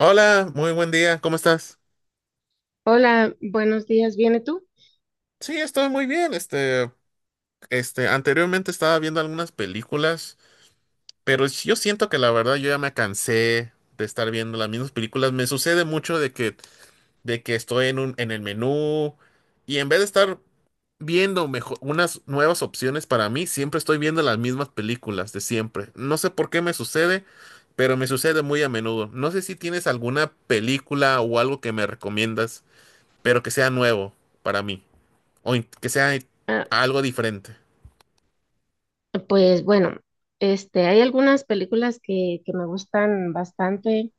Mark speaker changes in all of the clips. Speaker 1: Hola, muy buen día, ¿cómo estás?
Speaker 2: Hola, buenos días, ¿viene tú?
Speaker 1: Sí, estoy muy bien. Anteriormente estaba viendo algunas películas, pero yo siento que la verdad yo ya me cansé de estar viendo las mismas películas. Me sucede mucho de que estoy en en el menú y en vez de estar viendo mejor, unas nuevas opciones para mí, siempre estoy viendo las mismas películas de siempre. No sé por qué me sucede, pero me sucede muy a menudo. No sé si tienes alguna película o algo que me recomiendas, pero que sea nuevo para mí. Que sea
Speaker 2: Ah,
Speaker 1: algo diferente.
Speaker 2: pues bueno, hay algunas películas que me gustan bastante,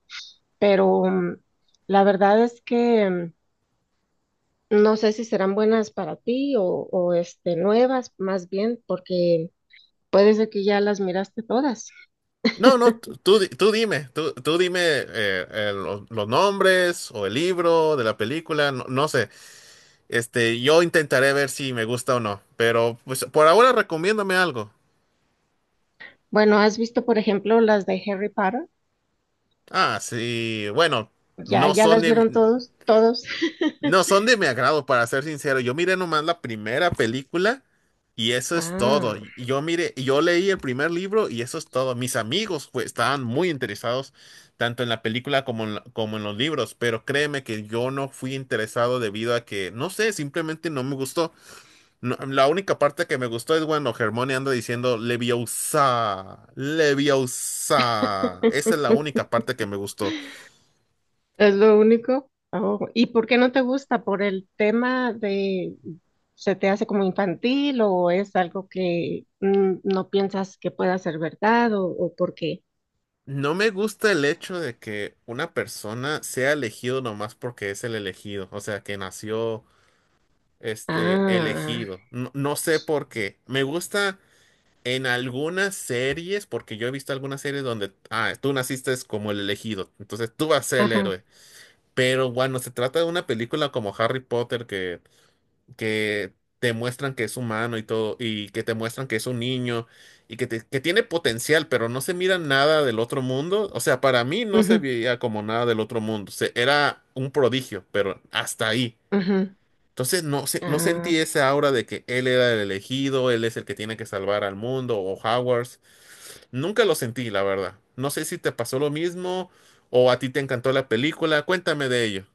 Speaker 2: pero la verdad es que no sé si serán buenas para ti o este, nuevas, más bien, porque puede ser que ya las miraste todas.
Speaker 1: No, no, tú, tú di- tú dime, tú dime los nombres o el libro de la película, no, no sé. Yo intentaré ver si me gusta o no, pero pues por ahora recomiéndame algo.
Speaker 2: Bueno, ¿has visto, por ejemplo, las de Harry Potter?
Speaker 1: Ah, sí, bueno,
Speaker 2: ¿Ya,
Speaker 1: no
Speaker 2: ya
Speaker 1: son
Speaker 2: las vieron
Speaker 1: de,
Speaker 2: todos? ¿Todos?
Speaker 1: no son de mi agrado, para ser sincero. Yo miré nomás la primera película y eso es todo.
Speaker 2: Ah.
Speaker 1: Y yo leí el primer libro y eso es todo. Mis amigos pues, estaban muy interesados tanto en la película como en los libros, pero créeme que yo no fui interesado debido a que, no sé, simplemente no me gustó. La única parte que me gustó es cuando Hermione anda diciendo Leviosa, Leviosa. Esa es la única parte que me gustó.
Speaker 2: Es lo único. Oh, ¿y por qué no te gusta? ¿Por el tema de se te hace como infantil o es algo que no piensas que pueda ser verdad o por qué?
Speaker 1: No me gusta el hecho de que una persona sea elegido nomás porque es el elegido, o sea, que nació este
Speaker 2: Ah,
Speaker 1: elegido. No, no sé por qué. Me gusta en algunas series, porque yo he visto algunas series donde, ah, tú naciste es como el elegido, entonces tú vas a ser el
Speaker 2: ajá.
Speaker 1: héroe. Pero cuando se trata de una película como Harry Potter, que te muestran que es humano y todo, y que te muestran que es un niño que tiene potencial, pero no se mira nada del otro mundo. O sea, para mí no se
Speaker 2: Ujú,
Speaker 1: veía como nada del otro mundo. Era un prodigio, pero hasta ahí.
Speaker 2: ujú,
Speaker 1: Entonces no, no sentí
Speaker 2: ah.
Speaker 1: esa aura de que él era el elegido, él es el que tiene que salvar al mundo o Howard. Nunca lo sentí, la verdad. No sé si te pasó lo mismo o a ti te encantó la película. Cuéntame de ello.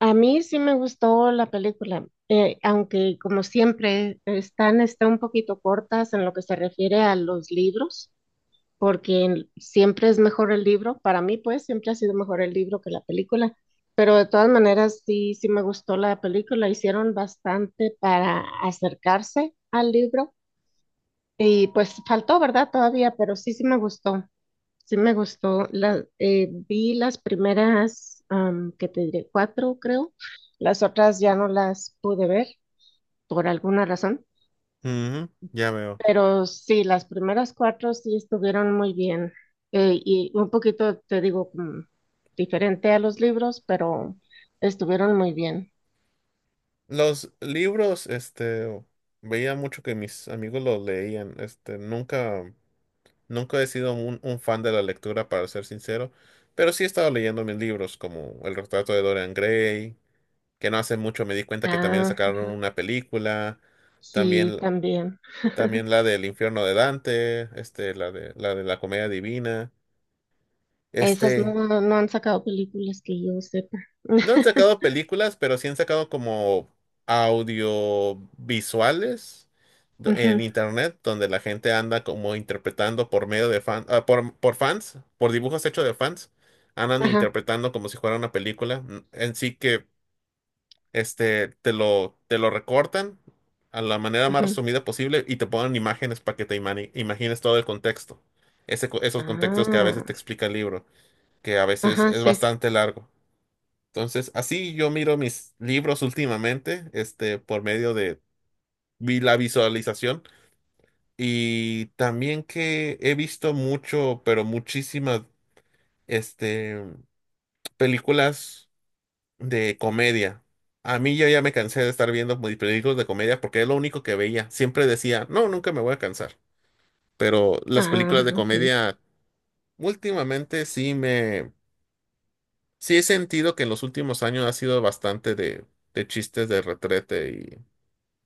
Speaker 2: A mí sí me gustó la película, aunque como siempre está un poquito cortas en lo que se refiere a los libros, porque siempre es mejor el libro, para mí pues siempre ha sido mejor el libro que la película, pero de todas maneras sí, sí me gustó la película, hicieron bastante para acercarse al libro y pues faltó, ¿verdad? Todavía, pero sí, sí me gustó, sí me gustó. La, vi las primeras, am, que te diré, cuatro creo, las otras ya no las pude ver por alguna razón.
Speaker 1: Ujú, ya veo.
Speaker 2: Pero sí, las primeras cuatro sí estuvieron muy bien, y un poquito, te digo, como diferente a los libros, pero estuvieron muy bien.
Speaker 1: Los libros, veía mucho que mis amigos los leían. Nunca he sido un fan de la lectura, para ser sincero, pero sí he estado leyendo mis libros, como El Retrato de Dorian Gray, que no hace mucho me di cuenta que también
Speaker 2: Ah,
Speaker 1: sacaron
Speaker 2: ujú,
Speaker 1: una película,
Speaker 2: sí,
Speaker 1: también,
Speaker 2: también.
Speaker 1: también la del infierno de Dante, este, la de la Comedia Divina.
Speaker 2: Esas no,
Speaker 1: Este,
Speaker 2: no no han sacado películas que yo sepa.
Speaker 1: No han sacado películas, pero sí han sacado como audiovisuales en
Speaker 2: Ujú,
Speaker 1: internet, donde la gente anda como interpretando por medio de fans, por fans, por dibujos hechos de fans, andan
Speaker 2: ajá,
Speaker 1: interpretando como si fuera una película. En sí que este te lo recortan a la manera más
Speaker 2: ujú.
Speaker 1: resumida posible y te ponen imágenes para que imagines todo el contexto. Esos contextos que a veces
Speaker 2: Ah,
Speaker 1: te explica el libro, que a veces
Speaker 2: ajá,
Speaker 1: es
Speaker 2: sí.
Speaker 1: bastante largo. Entonces, así yo miro mis libros últimamente, este, por medio de la visualización y también que he visto mucho, pero muchísimas, este, películas de comedia. A mí yo ya me cansé de estar viendo películas de comedia porque es lo único que veía. Siempre decía, no, nunca me voy a cansar. Pero las
Speaker 2: Ah,
Speaker 1: películas de
Speaker 2: ok.
Speaker 1: comedia últimamente sí he sentido que en los últimos años ha sido bastante de chistes de retrete.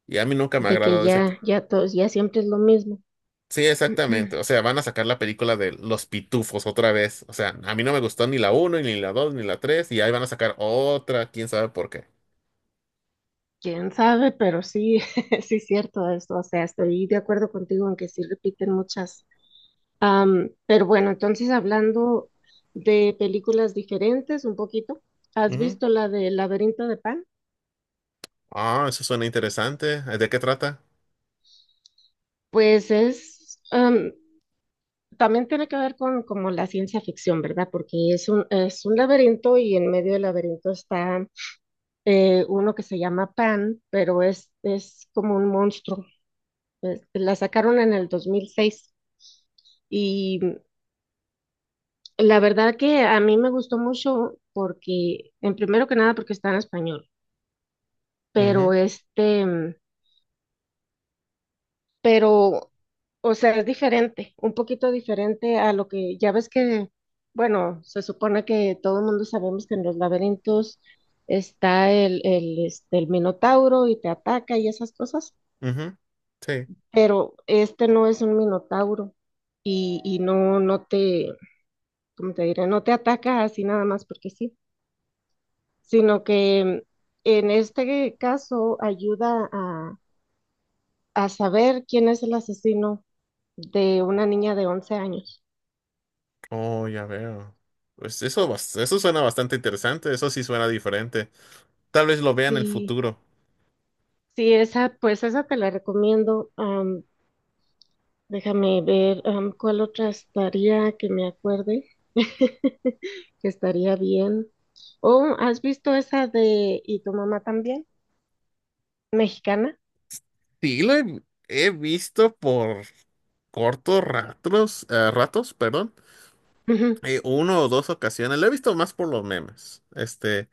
Speaker 1: Y a mí nunca me ha
Speaker 2: De que
Speaker 1: agradado ese tipo.
Speaker 2: ya, ya todos, ya siempre es lo mismo.
Speaker 1: Sí, exactamente. O sea, van a sacar la película de Los Pitufos otra vez. O sea, a mí no me gustó ni la uno ni la dos ni la tres. Y ahí van a sacar otra, quién sabe por qué.
Speaker 2: Quién sabe, pero sí, sí es cierto eso. O sea, estoy de acuerdo contigo en que sí repiten muchas. Pero bueno, entonces hablando de películas diferentes un poquito, ¿has
Speaker 1: Ujú.
Speaker 2: visto la de Laberinto de Pan?
Speaker 1: Ah, eso suena interesante. ¿De qué trata?
Speaker 2: Pues es, em, también tiene que ver con como la ciencia ficción, ¿verdad? Porque es un laberinto y en medio del laberinto está uno que se llama Pan, pero es como un monstruo. La sacaron en el 2006 y la verdad que a mí me gustó mucho porque, en primero que nada, porque está en español,
Speaker 1: Ujú,
Speaker 2: pero este, mm, pero, o sea, es diferente, un poquito diferente a lo que ya ves que, bueno, se supone que todo el mundo sabemos que en los laberintos está el minotauro y te ataca y esas cosas,
Speaker 1: ujú. Sí.
Speaker 2: pero este no es un minotauro y no, no te, ¿cómo te diré? No te ataca así nada más porque sí, sino que en este caso ayuda a saber quién es el asesino de una niña de 11 años.
Speaker 1: Oh, ya veo. Pues eso, eso suena bastante interesante. Eso sí suena diferente. Tal vez lo vea en el
Speaker 2: Sí,
Speaker 1: futuro.
Speaker 2: sí, esa, pues esa te la recomiendo. Am, déjame ver, am, cuál otra estaría que me acuerde, que estaría bien. Oh, ¿has visto esa de Y tu mamá también? Mexicana.
Speaker 1: Sí, he visto por cortos ratos, ratos, perdón.
Speaker 2: Ujú.
Speaker 1: Uno o dos ocasiones. Lo he visto más por los memes.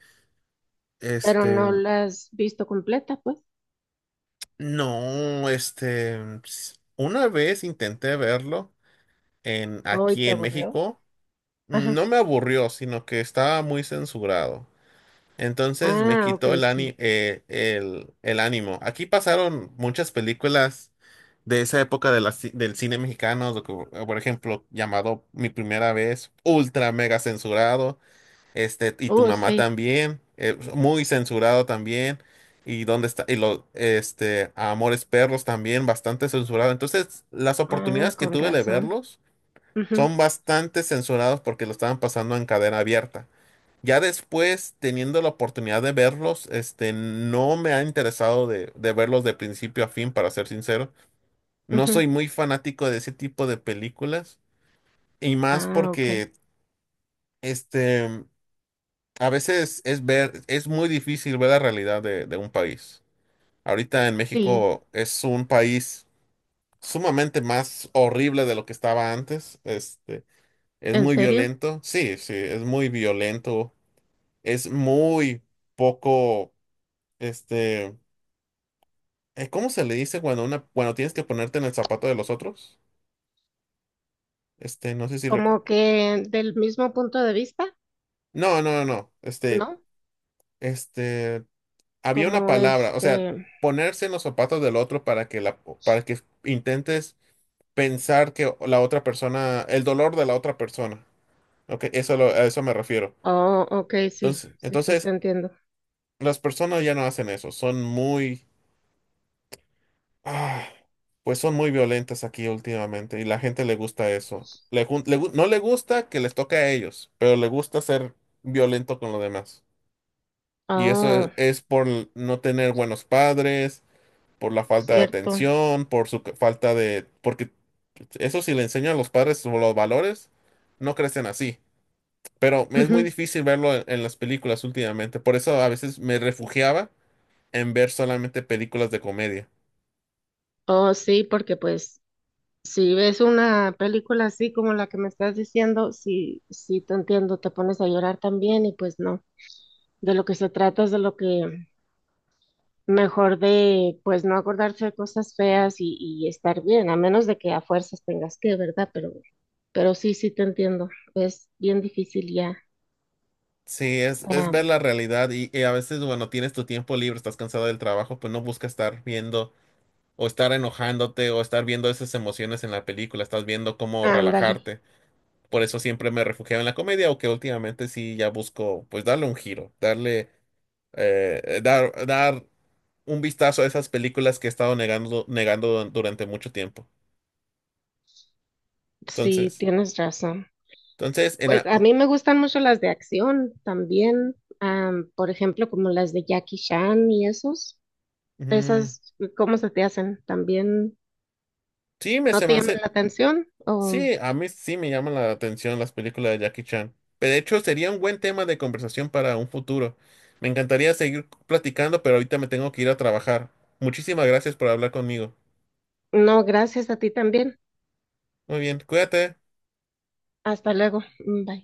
Speaker 2: Pero no
Speaker 1: este,
Speaker 2: la has visto completa, pues.
Speaker 1: no, este, una vez intenté verlo en
Speaker 2: Hoy
Speaker 1: aquí
Speaker 2: te
Speaker 1: en
Speaker 2: aburrió.
Speaker 1: México.
Speaker 2: Ajá.
Speaker 1: No me aburrió, sino que estaba muy censurado. Entonces me
Speaker 2: Ah, ok,
Speaker 1: quitó
Speaker 2: sí.
Speaker 1: el ánimo. Aquí pasaron muchas películas de esa época de del cine mexicano, por ejemplo, llamado Mi Primera Vez, ultra mega censurado. Este, y tu
Speaker 2: Oh,
Speaker 1: mamá
Speaker 2: sí.
Speaker 1: también, muy censurado también. Y dónde está, Amores Perros también, bastante censurado. Entonces, las
Speaker 2: Ah,
Speaker 1: oportunidades que
Speaker 2: con
Speaker 1: tuve de
Speaker 2: razón.
Speaker 1: verlos
Speaker 2: Ujú,
Speaker 1: son bastante censurados porque lo estaban pasando en cadena abierta. Ya después, teniendo la oportunidad de verlos, este, no me ha interesado de verlos de principio a fin, para ser sincero. No soy
Speaker 2: ujú.
Speaker 1: muy fanático de ese tipo de películas. Y más
Speaker 2: Ah, ok.
Speaker 1: porque, este. A veces es muy difícil ver la realidad de un país. Ahorita en
Speaker 2: Sí,
Speaker 1: México es un país sumamente más horrible de lo que estaba antes. Este, es
Speaker 2: ¿en
Speaker 1: muy
Speaker 2: serio?
Speaker 1: violento. Sí, sí, es muy violento. Es muy poco, este, ¿cómo se le dice cuando cuando tienes que ponerte en el zapato de los otros? Este, no sé si recuerdo.
Speaker 2: Como que del mismo punto de vista,
Speaker 1: No, no, no, no.
Speaker 2: ¿no?
Speaker 1: Este, había una
Speaker 2: Como
Speaker 1: palabra, o sea,
Speaker 2: este...
Speaker 1: ponerse en los zapatos del otro para que intentes pensar que la otra persona, el dolor de la otra persona. Ok, a eso me refiero.
Speaker 2: Oh, ok, sí,
Speaker 1: Entonces,
Speaker 2: sí, sí, te
Speaker 1: entonces,
Speaker 2: entiendo.
Speaker 1: las personas ya no hacen eso, son muy, ah, pues son muy violentas aquí últimamente y la gente le gusta eso. Le jun- le gu- No le gusta que les toque a ellos, pero le gusta ser violento con los demás. Y eso
Speaker 2: Oh,
Speaker 1: es por no tener buenos padres, por la falta de
Speaker 2: cierto.
Speaker 1: atención, por falta de... Porque eso si le enseñan a los padres sobre los valores, no crecen así. Pero me es muy
Speaker 2: Ujú.
Speaker 1: difícil verlo en las películas últimamente. Por eso a veces me refugiaba en ver solamente películas de comedia.
Speaker 2: Oh, sí, porque pues si ves una película así como la que me estás diciendo, sí, sí, te entiendo, te pones a llorar también y pues no. De lo que se trata es de lo que mejor de, pues, no acordarse de cosas feas y estar bien, a menos de que a fuerzas tengas que, ¿verdad? Pero sí, sí te entiendo. Es bien difícil ya.
Speaker 1: Sí, es ver
Speaker 2: Am,
Speaker 1: la realidad y a veces, bueno, tienes tu tiempo libre, estás cansado del trabajo, pues no buscas estar viendo o estar enojándote o estar viendo esas emociones en la película, estás viendo cómo
Speaker 2: ándale,
Speaker 1: relajarte. Por eso siempre me refugiaba en la comedia, aunque últimamente sí ya busco pues darle un giro, dar un vistazo a esas películas que he estado negando, durante mucho tiempo.
Speaker 2: sí,
Speaker 1: Entonces,
Speaker 2: tienes razón.
Speaker 1: entonces, en
Speaker 2: Pues
Speaker 1: a-
Speaker 2: a mí me gustan mucho las de acción también, am, por ejemplo, como las de Jackie Chan y esos.
Speaker 1: mm,
Speaker 2: Esas, ¿cómo se te hacen? ¿También
Speaker 1: sí, me
Speaker 2: no
Speaker 1: se
Speaker 2: te
Speaker 1: me
Speaker 2: llaman
Speaker 1: hace,
Speaker 2: la atención? ¿O
Speaker 1: sí, a mí sí me llaman la atención las películas de Jackie Chan. Pero de hecho sería un buen tema de conversación para un futuro. Me encantaría seguir platicando, pero ahorita me tengo que ir a trabajar. Muchísimas gracias por hablar conmigo.
Speaker 2: no, gracias a ti también?
Speaker 1: Muy bien, cuídate.
Speaker 2: Hasta luego. Bye.